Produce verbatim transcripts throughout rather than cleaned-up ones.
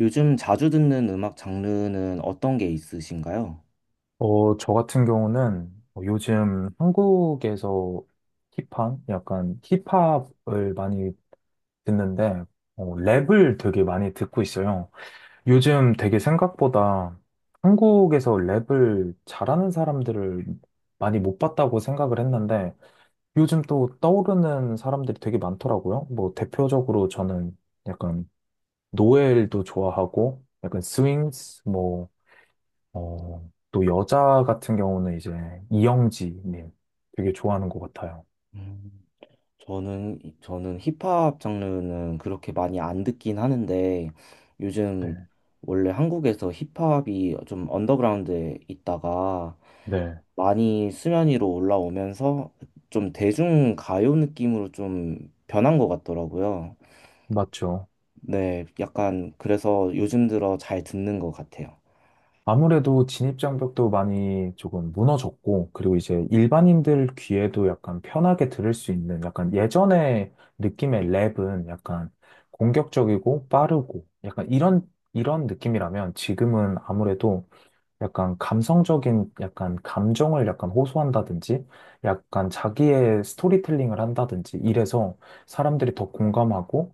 요즘 자주 듣는 음악 장르는 어떤 게 있으신가요? 어, 저 같은 경우는 뭐 요즘 한국에서 힙한, 약간 힙합을 많이 듣는데, 어, 랩을 되게 많이 듣고 있어요. 요즘 되게 생각보다 한국에서 랩을 잘하는 사람들을 많이 못 봤다고 생각을 했는데, 요즘 또 떠오르는 사람들이 되게 많더라고요. 뭐, 대표적으로 저는 약간 노엘도 좋아하고, 약간 스윙스, 뭐, 어, 또 여자 같은 경우는 이제 이영지님 되게 좋아하는 것 같아요. 음, 저는, 저는 힙합 장르는 그렇게 많이 안 듣긴 하는데, 요즘 네, 원래 한국에서 힙합이 좀 언더그라운드에 있다가 네, 많이 수면 위로 올라오면서 좀 대중 가요 느낌으로 좀 변한 것 같더라고요. 맞죠. 네, 약간 그래서 요즘 들어 잘 듣는 것 같아요. 아무래도 진입장벽도 많이 조금 무너졌고, 그리고 이제 일반인들 귀에도 약간 편하게 들을 수 있는 약간 예전의 느낌의 랩은 약간 공격적이고 빠르고 약간 이런, 이런 느낌이라면 지금은 아무래도 약간 감성적인 약간 감정을 약간 호소한다든지 약간 자기의 스토리텔링을 한다든지 이래서 사람들이 더 공감하고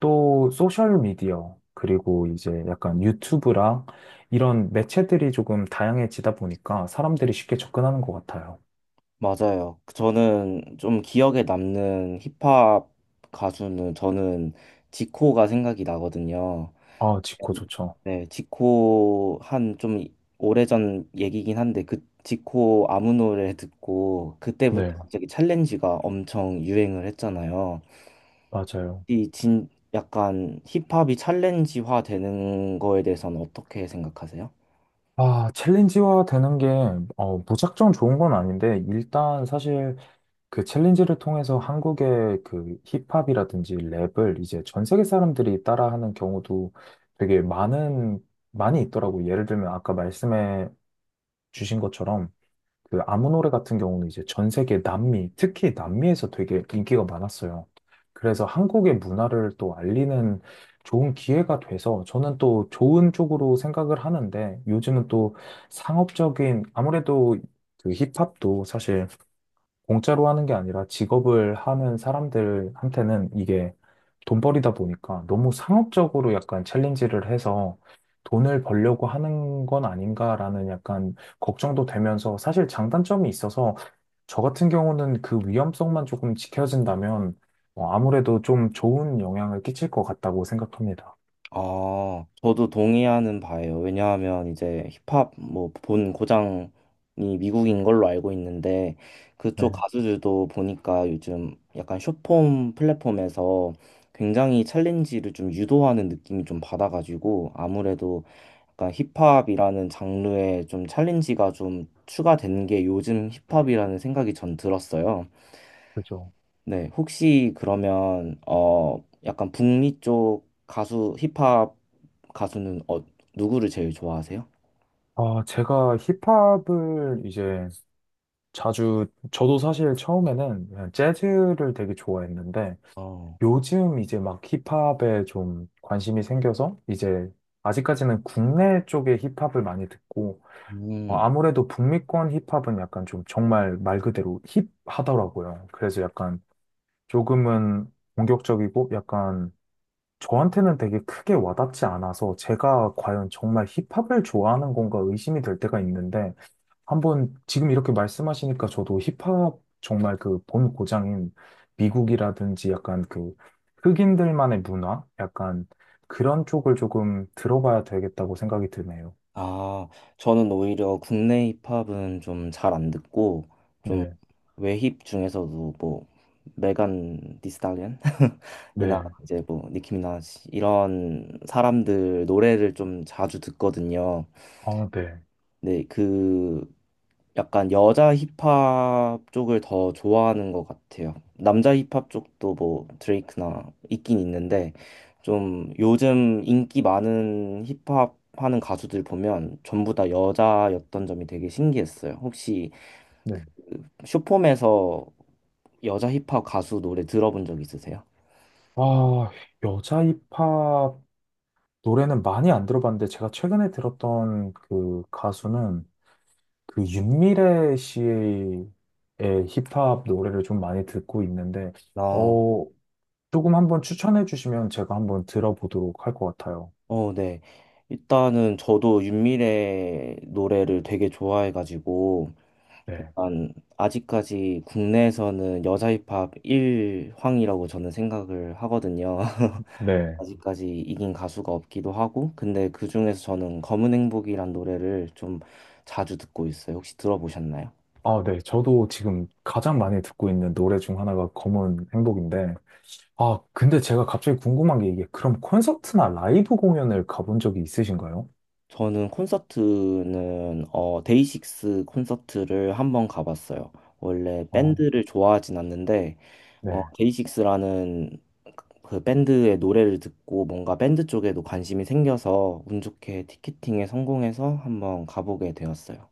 또 소셜 미디어 그리고 이제 약간 유튜브랑 이런 매체들이 조금 다양해지다 보니까 사람들이 쉽게 접근하는 것 같아요. 맞아요. 그 저는 좀 기억에 남는 힙합 가수는 저는 지코가 생각이 나거든요. 아, 직코 좋죠. 네, 지코 한 좀 오래전 얘기긴 한데 그 지코 아무 노래 듣고 그때부터 네, 갑자기 챌린지가 엄청 유행을 했잖아요. 맞아요. 이 진 약간 힙합이 챌린지화 되는 거에 대해서는 어떻게 생각하세요? 아, 챌린지화 되는 게, 어, 무작정 좋은 건 아닌데, 일단 사실 그 챌린지를 통해서 한국의 그 힙합이라든지 랩을 이제 전 세계 사람들이 따라하는 경우도 되게 많은, 많이 있더라고요. 예를 들면 아까 말씀해 주신 것처럼 그 아무 노래 같은 경우는 이제 전 세계 남미, 특히 남미에서 되게 인기가 많았어요. 그래서 한국의 문화를 또 알리는 좋은 기회가 돼서 저는 또 좋은 쪽으로 생각을 하는데 요즘은 또 상업적인 아무래도 그 힙합도 사실 공짜로 하는 게 아니라 직업을 하는 사람들한테는 이게 돈벌이다 보니까 너무 상업적으로 약간 챌린지를 해서 돈을 벌려고 하는 건 아닌가라는 약간 걱정도 되면서 사실 장단점이 있어서 저 같은 경우는 그 위험성만 조금 지켜진다면 어, 아무래도 좀 좋은 영향을 끼칠 것 같다고 생각합니다. 아, 저도 동의하는 바예요. 왜냐하면 이제 힙합 뭐 본 고장이 미국인 걸로 알고 있는데 그쪽 네, 가수들도 보니까 요즘 약간 숏폼 플랫폼에서 굉장히 챌린지를 좀 유도하는 느낌이 좀 받아가지고 아무래도 약간 힙합이라는 장르에 좀 챌린지가 좀 추가된 게 요즘 힙합이라는 생각이 전 들었어요. 그죠. 네, 혹시 그러면 어 약간 북미 쪽 가수 힙합 가수는 어 누구를 제일 좋아하세요? 아, 제가 힙합을 이제 자주, 저도 사실 처음에는 그냥 재즈를 되게 좋아했는데, 어. 요즘 이제 막 힙합에 좀 관심이 생겨서 이제 아직까지는 국내 쪽의 힙합을 많이 듣고 어, 음. 아무래도 북미권 힙합은 약간 좀 정말 말 그대로 힙하더라고요. 그래서 약간 조금은 공격적이고 약간 저한테는 되게 크게 와닿지 않아서 제가 과연 정말 힙합을 좋아하는 건가 의심이 될 때가 있는데 한번 지금 이렇게 말씀하시니까 저도 힙합 정말 그 본 고장인 미국이라든지 약간 그 흑인들만의 문화? 약간 그런 쪽을 조금 들어봐야 되겠다고 생각이 드네요. 아, 저는 오히려 국내 힙합은 좀 잘 안 듣고 좀 네, 외힙 중에서도 뭐 메간 디스탈리언 이나 네, 이제 뭐 니키 미나지 이런 사람들 노래를 좀 자주 듣거든요. 아, 네, 네, 그 약간 여자 힙합 쪽을 더 좋아하는 것 같아요. 남자 힙합 쪽도 뭐 드레이크나 있긴 있는데 좀 요즘 인기 많은 힙합 하는 가수들 보면 전부 다 여자였던 점이 되게 신기했어요. 혹시 네. 쇼폼에서 여자 힙합 가수 노래 들어본 적 있으세요? 아, 여자 힙합 노래는 많이 안 들어봤는데 제가 최근에 들었던 그 가수는 그 윤미래 씨의 힙합 노래를 좀 많이 듣고 있는데, 아, 어, 조금 한번 추천해 주시면 제가 한번 들어보도록 할 것 같아요. 어, 네. 일단은 저도 윤미래 노래를 되게 좋아해가지고 네. 일단 아직까지 국내에서는 여자 힙합 일황이라고 저는 생각을 하거든요. 네. 아직까지 이긴 가수가 없기도 하고, 근데 그중에서 저는 검은 행복이란 노래를 좀 자주 듣고 있어요. 혹시 들어보셨나요? 아, 네. 저도 지금 가장 많이 듣고 있는 노래 중 하나가 검은 행복인데, 아, 근데 제가 갑자기 궁금한 게 이게 그럼 콘서트나 라이브 공연을 가본 적이 있으신가요? 저는 콘서트는 어 데이식스 콘서트를 한번 가봤어요. 원래 어, 밴드를 좋아하진 않는데 어 네. 데이식스라는 그 밴드의 노래를 듣고 뭔가 밴드 쪽에도 관심이 생겨서 운 좋게 티켓팅에 성공해서 한번 가보게 되었어요.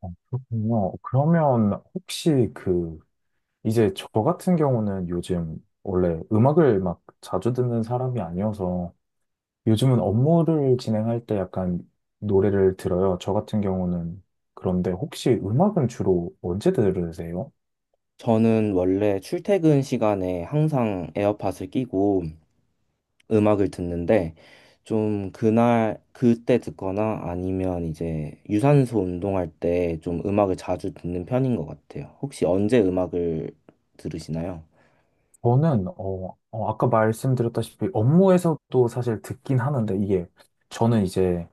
어, 그렇군요. 그러면 혹시 그, 이제 저 같은 경우는 요즘 원래 음악을 막 자주 듣는 사람이 아니어서 요즘은 업무를 진행할 때 약간 노래를 들어요. 저 같은 경우는. 그런데 혹시 음악은 주로 언제 들으세요? 저는 원래 출퇴근 시간에 항상 에어팟을 끼고 음악을 듣는데 좀 그날 그때 듣거나 아니면 이제 유산소 운동할 때 좀 음악을 자주 듣는 편인 것 같아요. 혹시 언제 음악을 들으시나요? 저는, 어, 어, 아까 말씀드렸다시피 업무에서도 사실 듣긴 하는데 이게 저는 이제,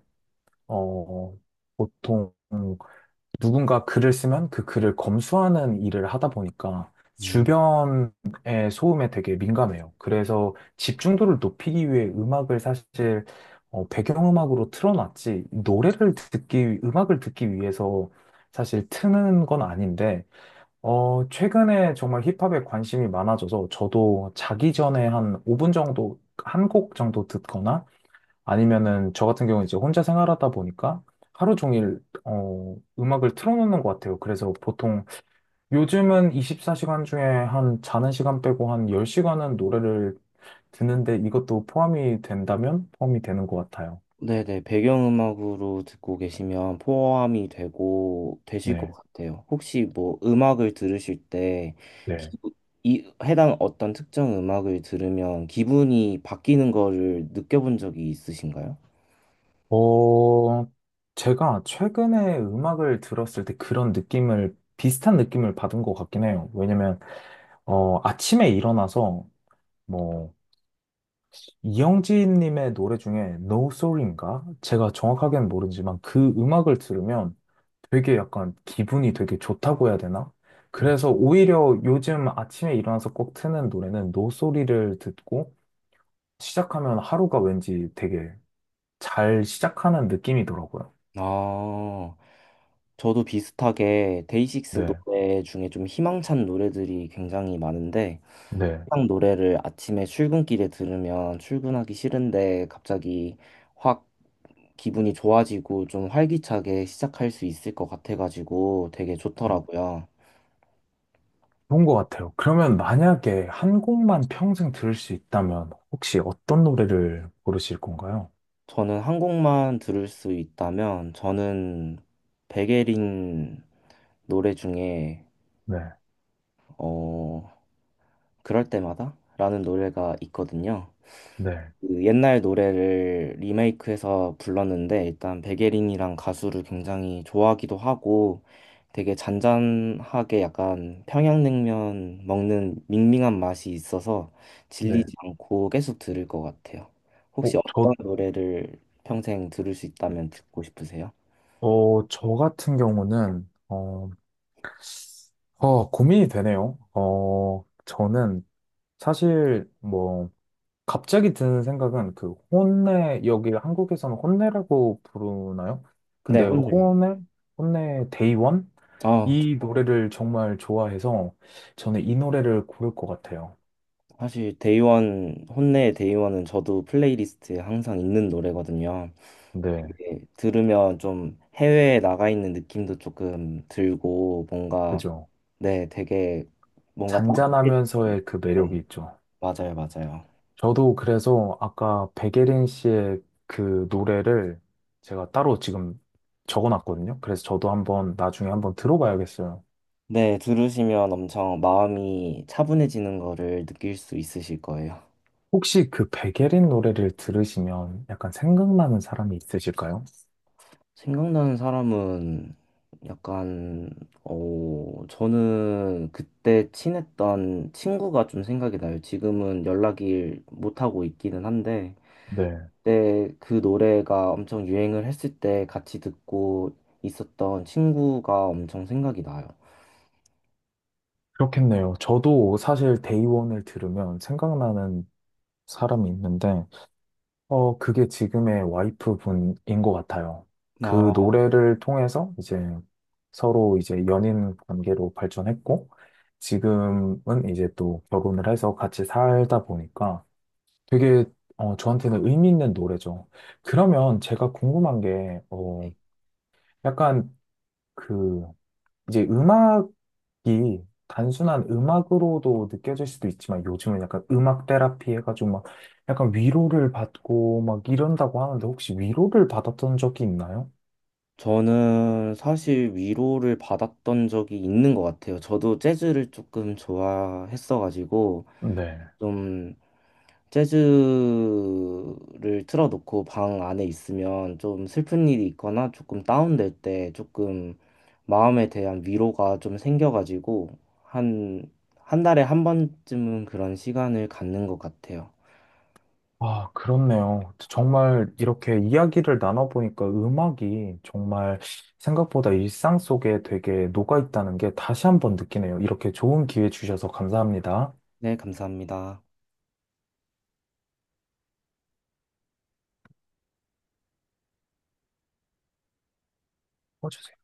어, 보통 누군가 글을 쓰면 그 글을 검수하는 일을 하다 보니까 음. 주변의 소음에 되게 민감해요. 그래서 집중도를 높이기 위해 음악을 사실 어, 배경음악으로 틀어놨지, 노래를 듣기, 위- 음악을 듣기 위해서 사실 트는 건 아닌데, 어, 최근에 정말 힙합에 관심이 많아져서 저도 자기 전에 한 오 분 정도, 한 곡 정도 듣거나 아니면은 저 같은 경우는 이제 혼자 생활하다 보니까 하루 종일 어, 음악을 틀어놓는 것 같아요. 그래서 보통 요즘은 이십사 시간 중에 한 자는 시간 빼고 한 열 시간은 노래를 듣는데 이것도 포함이 된다면 포함이 되는 것 같아요. 네네, 배경음악으로 듣고 계시면 포함이 되고, 되실 것 네. 같아요. 혹시 뭐 음악을 들으실 때, 네. 기- 이, 해당 어떤 특정 음악을 들으면 기분이 바뀌는 거를 느껴본 적이 있으신가요? 어, 제가 최근에 음악을 들었을 때 그런 느낌을 비슷한 느낌을 받은 것 같긴 해요. 왜냐면 어, 아침에 일어나서 뭐 이영지님의 노래 중에 No Sorry인가? 제가 정확하게는 모르지만 그 음악을 들으면 되게 약간 기분이 되게 좋다고 해야 되나? 음. 그래서 오히려 요즘 아침에 일어나서 꼭 트는 노래는 No Sorry를 듣고 시작하면 하루가 왠지 되게 잘 시작하는 느낌이더라고요. 아, 저도 비슷하게 데이식스 네, 노래 중에 좀 희망찬 노래들이 굉장히 많은데 네. 희망 노래를 아침에 출근길에 들으면 출근하기 싫은데 갑자기 확 기분이 좋아지고 좀 활기차게 시작할 수 있을 것 같아가지고 되게 좋더라고요. 좋은 것 같아요. 그러면 만약에 한 곡만 평생 들을 수 있다면 혹시 어떤 노래를 고르실 건가요? 저는 한 곡만 들을 수 있다면 저는 백예린 노래 중에 네, 어 그럴 때마다라는 노래가 있거든요. 네, 그 옛날 노래를 리메이크해서 불렀는데 일단 백예린이랑 가수를 굉장히 좋아하기도 하고 되게 잔잔하게 약간 평양냉면 먹는 밍밍한 맛이 있어서 네. 질리지 않고 계속 들을 것 같아요. 어, 혹시 저 어떤 노래를 평생 들을 수 있다면 듣고 싶으세요? 어, 저 같은 경우는, 어, 어, 고민이 되네요. 어, 저는 사실 뭐, 갑자기 드는 생각은 그 혼내, 여기 한국에서는 혼내라고 부르나요? 네, 근데 혼내. 혼내, 혼내 데이원? 아, 저- 이 노래를 정말 좋아해서 저는 이 노래를 고를 것 같아요. 사실 데이원, 혼내의 데이원은 저도 플레이리스트에 항상 있는 노래거든요. 네, 예, 들으면 좀 해외에 나가 있는 느낌도 조금 들고 뭔가 그죠. 네, 되게 뭔가 따뜻해지는 잔잔하면서의 그 매력이 네, 있죠. 맞아요, 맞아요. 저도 그래서 아까 백예린 씨의 그 노래를 제가 따로 지금 적어놨거든요. 그래서 저도 한번 나중에 한번 들어봐야겠어요. 네, 들으시면 엄청 마음이 차분해지는 거를 느낄 수 있으실 거예요. 혹시 그 백예린 노래를 들으시면 약간 생각나는 사람이 있으실까요? 생각나는 사람은 약간 어, 저는 그때 친했던 친구가 좀 생각이 나요. 지금은 연락을 못 하고 있기는 한데 네, 그때 그 노래가 엄청 유행을 했을 때 같이 듣고 있었던 친구가 엄청 생각이 나요. 그렇겠네요. 저도 사실 데이원을 들으면 생각나는 사람이 있는데 어, 그게 지금의 와이프 분인 것 같아요. 그 나 노래를 통해서 이제 서로 이제 연인 관계로 발전했고, 지금은 이제 또 결혼을 해서 같이 살다 보니까 되게, 어, 저한테는 의미 있는 노래죠. 그러면 제가 궁금한 게, 어, 약간 그 이제 음악이 단순한 음악으로도 느껴질 수도 있지만 요즘은 약간 음악 테라피 해가지고 막 약간 위로를 받고 막 이런다고 하는데 혹시 위로를 받았던 적이 있나요? 저는 사실 위로를 받았던 적이 있는 것 같아요. 저도 재즈를 조금 좋아했어가지고 네. 좀 재즈를 틀어놓고 방 안에 있으면 좀 슬픈 일이 있거나 조금 다운될 때 조금 마음에 대한 위로가 좀 생겨가지고 한, 한 달에 한 번쯤은 그런 시간을 갖는 것 같아요. 아, 그렇네요. 정말 이렇게 이야기를 나눠보니까 음악이 정말 생각보다 일상 속에 되게 녹아있다는 게 다시 한 번 느끼네요. 이렇게 좋은 기회 주셔서 감사합니다. 네, 감사합니다. 어서오세요.